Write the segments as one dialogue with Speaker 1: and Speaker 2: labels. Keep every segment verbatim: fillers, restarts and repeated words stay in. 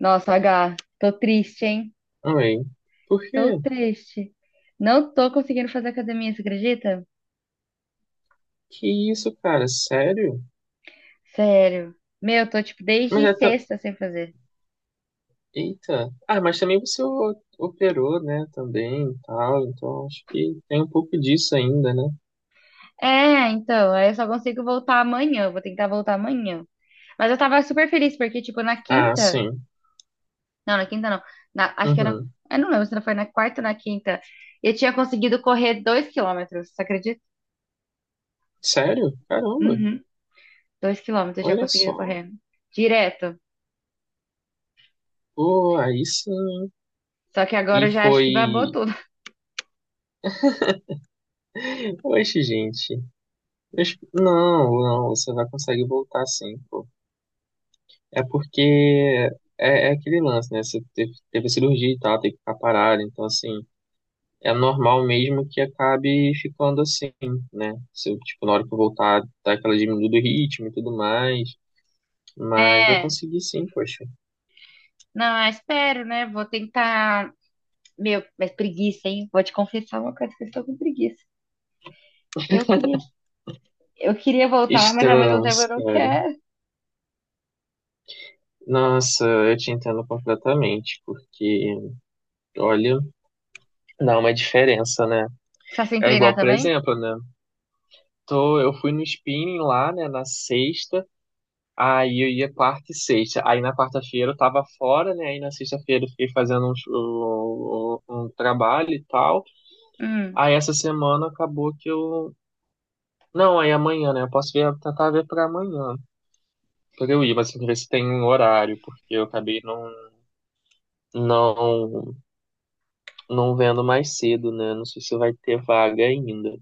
Speaker 1: Nossa, H, tô triste, hein?
Speaker 2: Ai, por
Speaker 1: Tô
Speaker 2: quê?
Speaker 1: triste. Não tô conseguindo fazer academia, você acredita?
Speaker 2: Que isso, cara? Sério?
Speaker 1: Sério. Meu, tô tipo
Speaker 2: Mas
Speaker 1: desde
Speaker 2: é ta-
Speaker 1: sexta sem fazer.
Speaker 2: Eita. Ah, mas também você o- operou, né? Também e tal. Então acho que tem um pouco disso ainda, né?
Speaker 1: É, então, aí eu só consigo voltar amanhã, eu vou tentar voltar amanhã. Mas eu tava super feliz porque tipo na
Speaker 2: Ah,
Speaker 1: quinta,
Speaker 2: sim.
Speaker 1: não, na quinta não. Na- acho que era,
Speaker 2: Uhum.
Speaker 1: eu não lembro se não foi na quarta ou na quinta. Eu tinha conseguido correr dois quilômetros, você acredita?
Speaker 2: Sério? Caramba.
Speaker 1: Uhum, dois quilômetros eu tinha
Speaker 2: Olha
Speaker 1: conseguido
Speaker 2: só.
Speaker 1: correr direto.
Speaker 2: Pô, aí sim, hein?
Speaker 1: Só que
Speaker 2: E
Speaker 1: agora eu já acho que babou
Speaker 2: foi.
Speaker 1: tudo.
Speaker 2: Oxe, gente. Mas Não, não, você vai conseguir voltar sim, pô. É porque é, é aquele lance, né? Você teve, teve cirurgia e tal, tem que ficar parado. Então, assim, é normal mesmo que acabe ficando assim, né? Se eu, tipo, na hora que eu voltar, tá aquela diminuída do ritmo e tudo mais. Mas vai
Speaker 1: É.
Speaker 2: conseguir sim, poxa.
Speaker 1: Não, eu espero, né? Vou tentar. Meu, mas preguiça, hein? Vou te confessar uma coisa que eu estou com preguiça. Eu queria, eu queria voltar, mas ao mesmo tempo
Speaker 2: Estamos,
Speaker 1: eu não
Speaker 2: cara.
Speaker 1: quero.
Speaker 2: Nossa, eu te entendo completamente, porque, olha, dá uma diferença, né?
Speaker 1: Só sem
Speaker 2: É
Speaker 1: treinar
Speaker 2: igual, por
Speaker 1: também?
Speaker 2: exemplo, né? Tô, eu fui no spinning lá, né, na sexta, aí eu ia quarta e sexta. Aí na quarta-feira eu tava fora, né? Aí na sexta-feira eu fiquei fazendo um, um, um um trabalho e tal.
Speaker 1: Hum.
Speaker 2: Aí essa semana acabou que eu. Não, aí amanhã, né? Eu posso ver, tentar ver pra amanhã, pra eu ir, mas tem que ver se tem um horário, porque eu acabei não, não, não vendo mais cedo, né? Não sei se vai ter vaga ainda.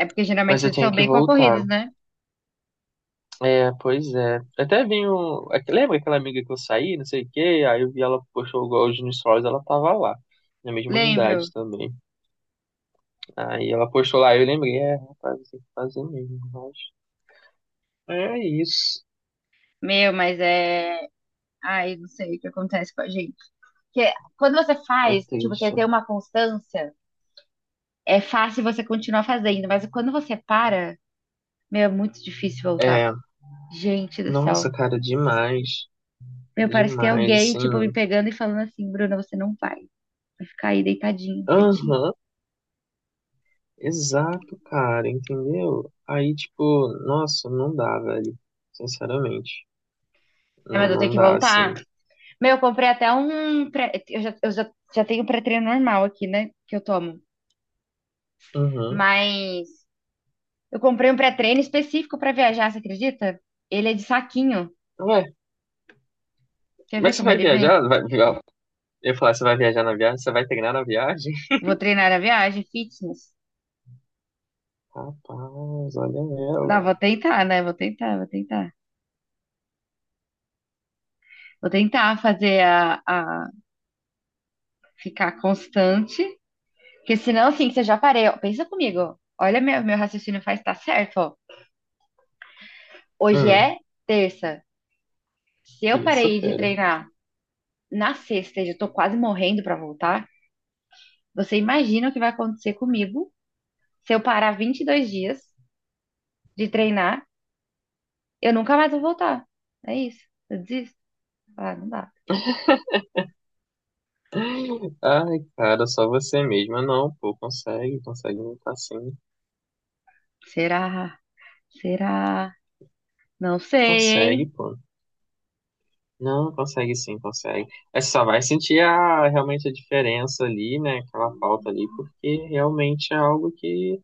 Speaker 1: É porque
Speaker 2: Mas
Speaker 1: geralmente
Speaker 2: eu
Speaker 1: eles são
Speaker 2: tenho que
Speaker 1: bem
Speaker 2: voltar.
Speaker 1: concorridos, né?
Speaker 2: É, pois é. Até vi um. é que- Lembra aquela amiga que eu saí, não sei o quê? Aí eu vi ela postou hoje no Stories, ela tava lá. Na mesma unidade
Speaker 1: Lembro.
Speaker 2: também. Aí ela postou lá, eu lembrei, é, rapaz, tem que fazer mesmo, mas. É isso.
Speaker 1: Meu, mas é. Ai, não sei o que acontece com a gente. Porque quando você
Speaker 2: É
Speaker 1: faz, tipo, você
Speaker 2: triste.
Speaker 1: tem uma constância, é fácil você continuar fazendo, mas quando você para, meu, é muito difícil voltar.
Speaker 2: É.
Speaker 1: Gente do
Speaker 2: Nossa,
Speaker 1: céu.
Speaker 2: cara, demais.
Speaker 1: Meu, parece que é
Speaker 2: Demais,
Speaker 1: alguém,
Speaker 2: assim.
Speaker 1: tipo, me pegando e falando assim, Bruna, você não vai. Vai ficar aí deitadinho,
Speaker 2: Aham,
Speaker 1: quietinho.
Speaker 2: exato, cara, entendeu? Aí, tipo, nossa, não dá, velho. Sinceramente,
Speaker 1: É,
Speaker 2: não,
Speaker 1: mas eu tenho
Speaker 2: não
Speaker 1: que
Speaker 2: dá, assim.
Speaker 1: voltar. Meu, eu comprei até um. Pré... Eu, já, eu já, já tenho um pré-treino normal aqui, né? Que eu tomo.
Speaker 2: Uhum.
Speaker 1: Mas eu comprei um pré-treino específico pra viajar, você acredita? Ele é de saquinho.
Speaker 2: Ué,
Speaker 1: Quer ver
Speaker 2: mas você
Speaker 1: como
Speaker 2: vai
Speaker 1: ele vem?
Speaker 2: viajar? Vai, eu ia falar, você vai viajar na viagem? Você vai treinar na viagem?
Speaker 1: Vou treinar a viagem, fitness.
Speaker 2: Rapaz, olha
Speaker 1: Não, vou
Speaker 2: ela.
Speaker 1: tentar, né? Vou tentar, vou tentar. Vou tentar fazer a, a ficar constante. Porque senão, assim, que você já parei. Ó, pensa comigo. Olha, meu, meu raciocínio faz tá certo, ó. Hoje
Speaker 2: Hum,
Speaker 1: é terça. Se eu
Speaker 2: isso,
Speaker 1: parei de
Speaker 2: fera.
Speaker 1: treinar na sexta e eu tô quase morrendo pra voltar, você imagina o que vai acontecer comigo se eu parar vinte e dois dias de treinar, eu nunca mais vou voltar. É isso. Eu desisto. Ah, não dá.
Speaker 2: Ai, cara, só você mesma não, pô, consegue, consegue lutar sim.
Speaker 1: Será? Será? Não sei,
Speaker 2: Consegue,
Speaker 1: hein?
Speaker 2: pô. Não, consegue sim, consegue. É só vai sentir a, realmente a diferença ali, né? Aquela falta ali, porque realmente é algo que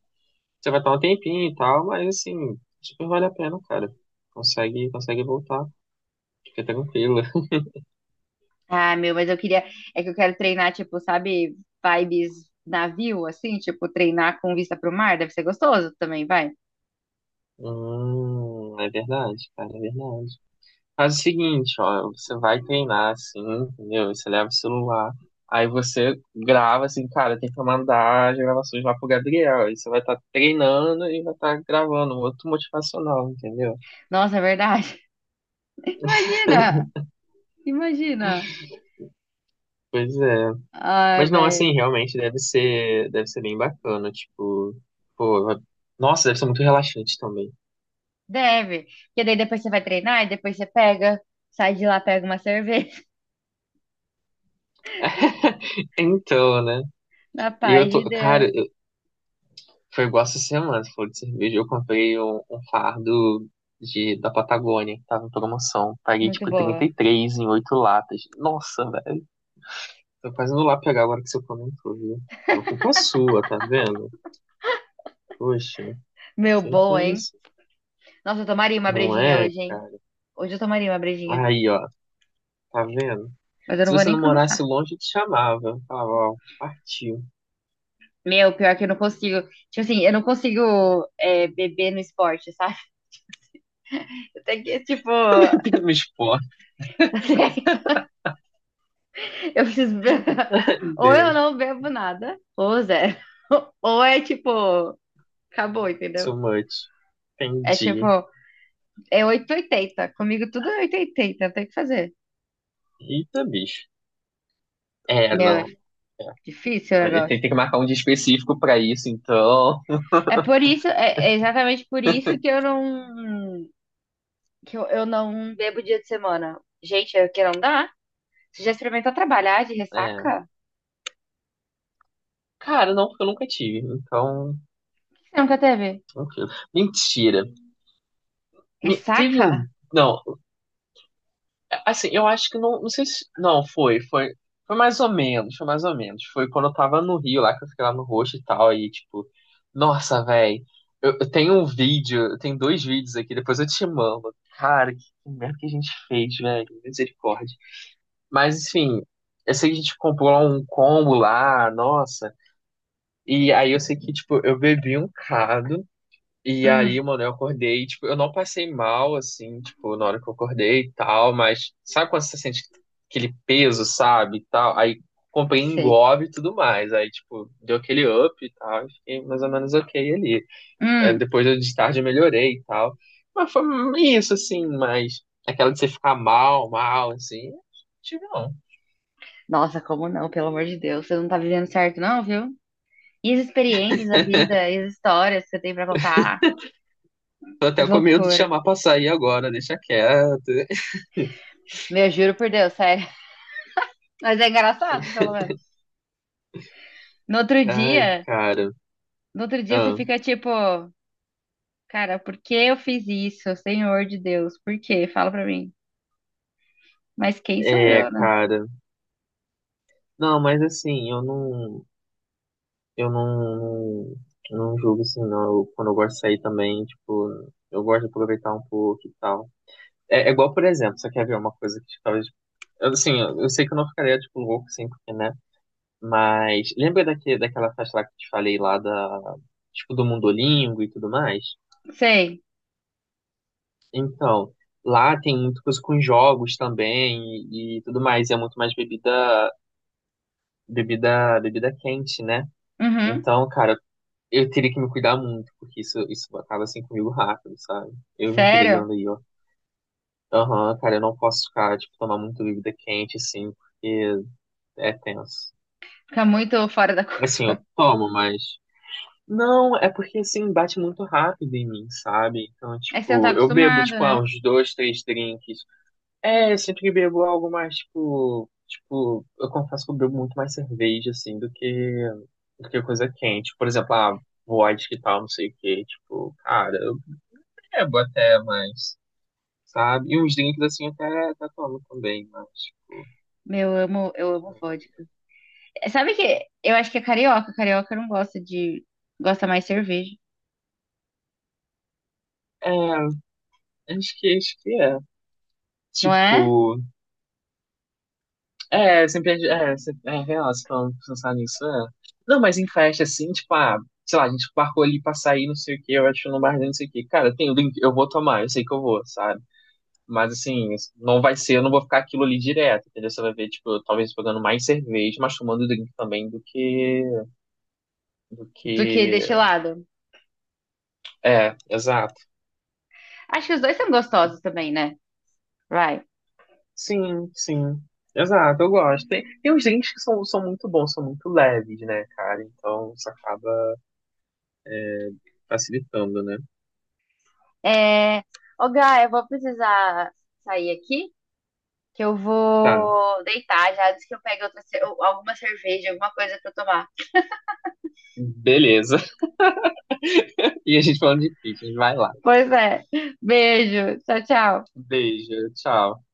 Speaker 2: você vai estar um tempinho e tal, mas assim, super vale a pena, cara. Consegue, consegue voltar, fica tranquila.
Speaker 1: Ah, meu, mas eu queria. É que eu quero treinar, tipo, sabe, vibes navio, assim, tipo, treinar com vista pro mar, deve ser gostoso também, vai.
Speaker 2: Hum, é verdade, cara, é verdade. Faz o seguinte, ó, você vai treinar assim, entendeu? Você leva o celular, aí você grava assim, cara, tem que mandar as gravações lá pro Gabriel. Aí você vai estar treinando e vai estar gravando um outro motivacional, entendeu?
Speaker 1: Nossa, é verdade. Imagina! Imagina!
Speaker 2: Pois é.
Speaker 1: Ai,
Speaker 2: Mas não, assim,
Speaker 1: velho.
Speaker 2: realmente deve ser, deve ser bem bacana, tipo, pô, vai- nossa, deve ser muito relaxante também.
Speaker 1: Deve. Porque daí depois você vai treinar e depois você pega, sai de lá, pega uma cerveja.
Speaker 2: Então, né?
Speaker 1: Na
Speaker 2: E eu
Speaker 1: paz
Speaker 2: tô,
Speaker 1: de Deus.
Speaker 2: cara. Foi igual essa semana, você falou de cerveja. Eu comprei um, um fardo de, da Patagônia, que tava em promoção. Paguei
Speaker 1: Muito
Speaker 2: tipo trinta
Speaker 1: boa.
Speaker 2: e três em oito latas. Nossa, velho. Tô quase indo lá pegar agora que você comentou, viu? Não é culpa sua, tá vendo? Poxa,
Speaker 1: Meu,
Speaker 2: sem
Speaker 1: boa, hein?
Speaker 2: condição.
Speaker 1: Nossa, eu tomaria uma
Speaker 2: Não
Speaker 1: brejinha
Speaker 2: é,
Speaker 1: hoje, hein?
Speaker 2: cara?
Speaker 1: Hoje eu tomaria uma brejinha.
Speaker 2: Aí, ó, tá vendo?
Speaker 1: Mas eu
Speaker 2: Se
Speaker 1: não vou
Speaker 2: você
Speaker 1: nem
Speaker 2: não morasse
Speaker 1: começar.
Speaker 2: longe, eu te chamava. Eu falava, ó, partiu.
Speaker 1: Meu, pior que eu não consigo. Tipo assim, eu não consigo é, beber no esporte, sabe? Até que, tipo,
Speaker 2: Bebendo no esporte.
Speaker 1: eu preciso. be-
Speaker 2: Ai,
Speaker 1: Ou eu
Speaker 2: Deus.
Speaker 1: não bebo nada, ou zero. Ou é tipo, acabou, entendeu?
Speaker 2: So much.
Speaker 1: É tipo,
Speaker 2: Entendi.
Speaker 1: é oitocentos e oitenta. Comigo tudo é oitocentos e oitenta, não tem o que fazer.
Speaker 2: Eita, bicho. É,
Speaker 1: Meu, é
Speaker 2: não.
Speaker 1: difícil o
Speaker 2: Ele tem,
Speaker 1: negócio.
Speaker 2: tem que marcar um dia específico pra isso, então.
Speaker 1: É por isso, é é exatamente por isso que eu não. Que eu, eu não bebo dia de semana. Gente, é que não dá. Você já experimentou trabalhar de
Speaker 2: É.
Speaker 1: ressaca?
Speaker 2: Cara, não, porque eu nunca tive. Então.
Speaker 1: Você nunca teve?
Speaker 2: Tranquilo. Mentira. Me- teve um.
Speaker 1: Ressaca?
Speaker 2: Não, assim, eu acho que não. Não sei se. Não, foi, foi. Foi mais ou menos, foi mais ou menos. Foi quando eu tava no Rio lá, que eu fiquei lá no Roxo e tal, aí, tipo. Nossa, velho. Eu, eu tenho um vídeo, eu tenho dois vídeos aqui, depois eu te mando. Cara, que merda que a gente fez, velho. Misericórdia. Mas, enfim, eu sei que a gente comprou lá um combo lá, nossa. E aí eu sei que, tipo, eu bebi um cado. E aí,
Speaker 1: Hum,
Speaker 2: mano, eu acordei, tipo, eu não passei mal, assim, tipo, na hora que eu acordei e tal, mas sabe quando você sente aquele peso, sabe, e tal? Aí comprei
Speaker 1: sei.
Speaker 2: Engov e tudo mais, aí, tipo, deu aquele up e tal, e fiquei mais ou menos ok ali. É,
Speaker 1: Hum.
Speaker 2: depois eu, de tarde eu melhorei e tal, mas foi isso, assim, mas aquela de você ficar mal, mal, assim, não tive não.
Speaker 1: Nossa, como não? Pelo amor de Deus, você não tá vivendo certo, não, viu? E as experiências da vida, e as histórias que você tem pra contar?
Speaker 2: Tô
Speaker 1: Que
Speaker 2: até com medo de
Speaker 1: loucura.
Speaker 2: chamar pra sair agora, deixa quieto.
Speaker 1: Meu, juro por Deus, sério. Mas é engraçado, pelo menos. No outro
Speaker 2: Ai,
Speaker 1: dia,
Speaker 2: cara.
Speaker 1: no outro dia você
Speaker 2: Ah.
Speaker 1: fica tipo, cara, por que eu fiz isso? Senhor de Deus, por quê? Fala pra mim. Mas quem sou
Speaker 2: É,
Speaker 1: eu, né?
Speaker 2: cara. Não, mas assim, eu não, eu não, eu não julgo assim, não. Eu- quando eu gosto de sair também, tipo, eu gosto de aproveitar um pouco e tal. É, é igual, por exemplo, você quer ver uma coisa que tipo, talvez. eu, Assim, eu, eu sei que eu não ficaria, tipo, louco, assim, porque, né? Mas lembra daque daquela festa lá que eu te falei lá da, tipo, do Mundolingo e tudo mais?
Speaker 1: Sei.
Speaker 2: Então, lá tem muita coisa com jogos também e, e tudo mais. E é muito mais bebida, bebida, bebida quente, né?
Speaker 1: Uhum.
Speaker 2: Então, cara, eu teria que me cuidar muito, porque isso, isso acaba assim comigo rápido, sabe? Eu me
Speaker 1: Sério?
Speaker 2: entregando aí, ó. Aham, cara, eu não posso ficar, tipo, tomar muito bebida quente, assim, porque é tenso.
Speaker 1: Fica muito fora da cor.
Speaker 2: Assim, eu tomo, mas. Não, é porque, assim, bate muito rápido em mim, sabe? Então,
Speaker 1: É que você não tá
Speaker 2: tipo, eu bebo,
Speaker 1: acostumado,
Speaker 2: tipo, ah,
Speaker 1: né?
Speaker 2: uns dois, três drinks. É, eu sempre bebo algo mais, tipo. Tipo, eu confesso que eu bebo muito mais cerveja, assim, do que. Do que coisa quente. Por exemplo, ah, vodka e tal, não sei o quê. Tipo, cara, eu. É, até, mas, sabe? E uns drinks assim até, até tomo também, mas, tipo,
Speaker 1: Meu, eu amo, eu amo
Speaker 2: não varia.
Speaker 1: vodka. Sabe que eu acho que é carioca. Carioca não gosta de. Gosta mais de cerveja,
Speaker 2: É, acho que, acho que é.
Speaker 1: não é?
Speaker 2: Tipo, é, sempre, é, sempre- é real, se falando, pensar nisso, é. Não, mas em festa, assim, tipo, ah, sei lá, a gente marcou ali pra sair, não sei o que, eu acho no barzinho, não sei o que. Cara, tem o drink, eu vou tomar, eu sei que eu vou, sabe? Mas, assim, não vai ser, eu não vou ficar aquilo ali direto, entendeu? Você vai ver, tipo, talvez pegando mais cerveja, mas tomando drink também do que, do
Speaker 1: Do que
Speaker 2: que,
Speaker 1: destilado.
Speaker 2: é, exato.
Speaker 1: Acho que os dois são gostosos também, né? Vai.
Speaker 2: Sim, sim. Exato, eu gosto. Tem, tem uns drinks que são, são muito bons, são muito leves, né, cara? Então isso acaba facilitando, né?
Speaker 1: É... Ô, Gá, eu vou precisar sair aqui, que eu
Speaker 2: Tá,
Speaker 1: vou deitar já antes que eu pegue outra, ce- alguma cerveja, alguma coisa pra eu tomar.
Speaker 2: beleza. E a gente falando de pizza vai lá.
Speaker 1: Pois é. Beijo. Tchau, tchau.
Speaker 2: Beijo, tchau.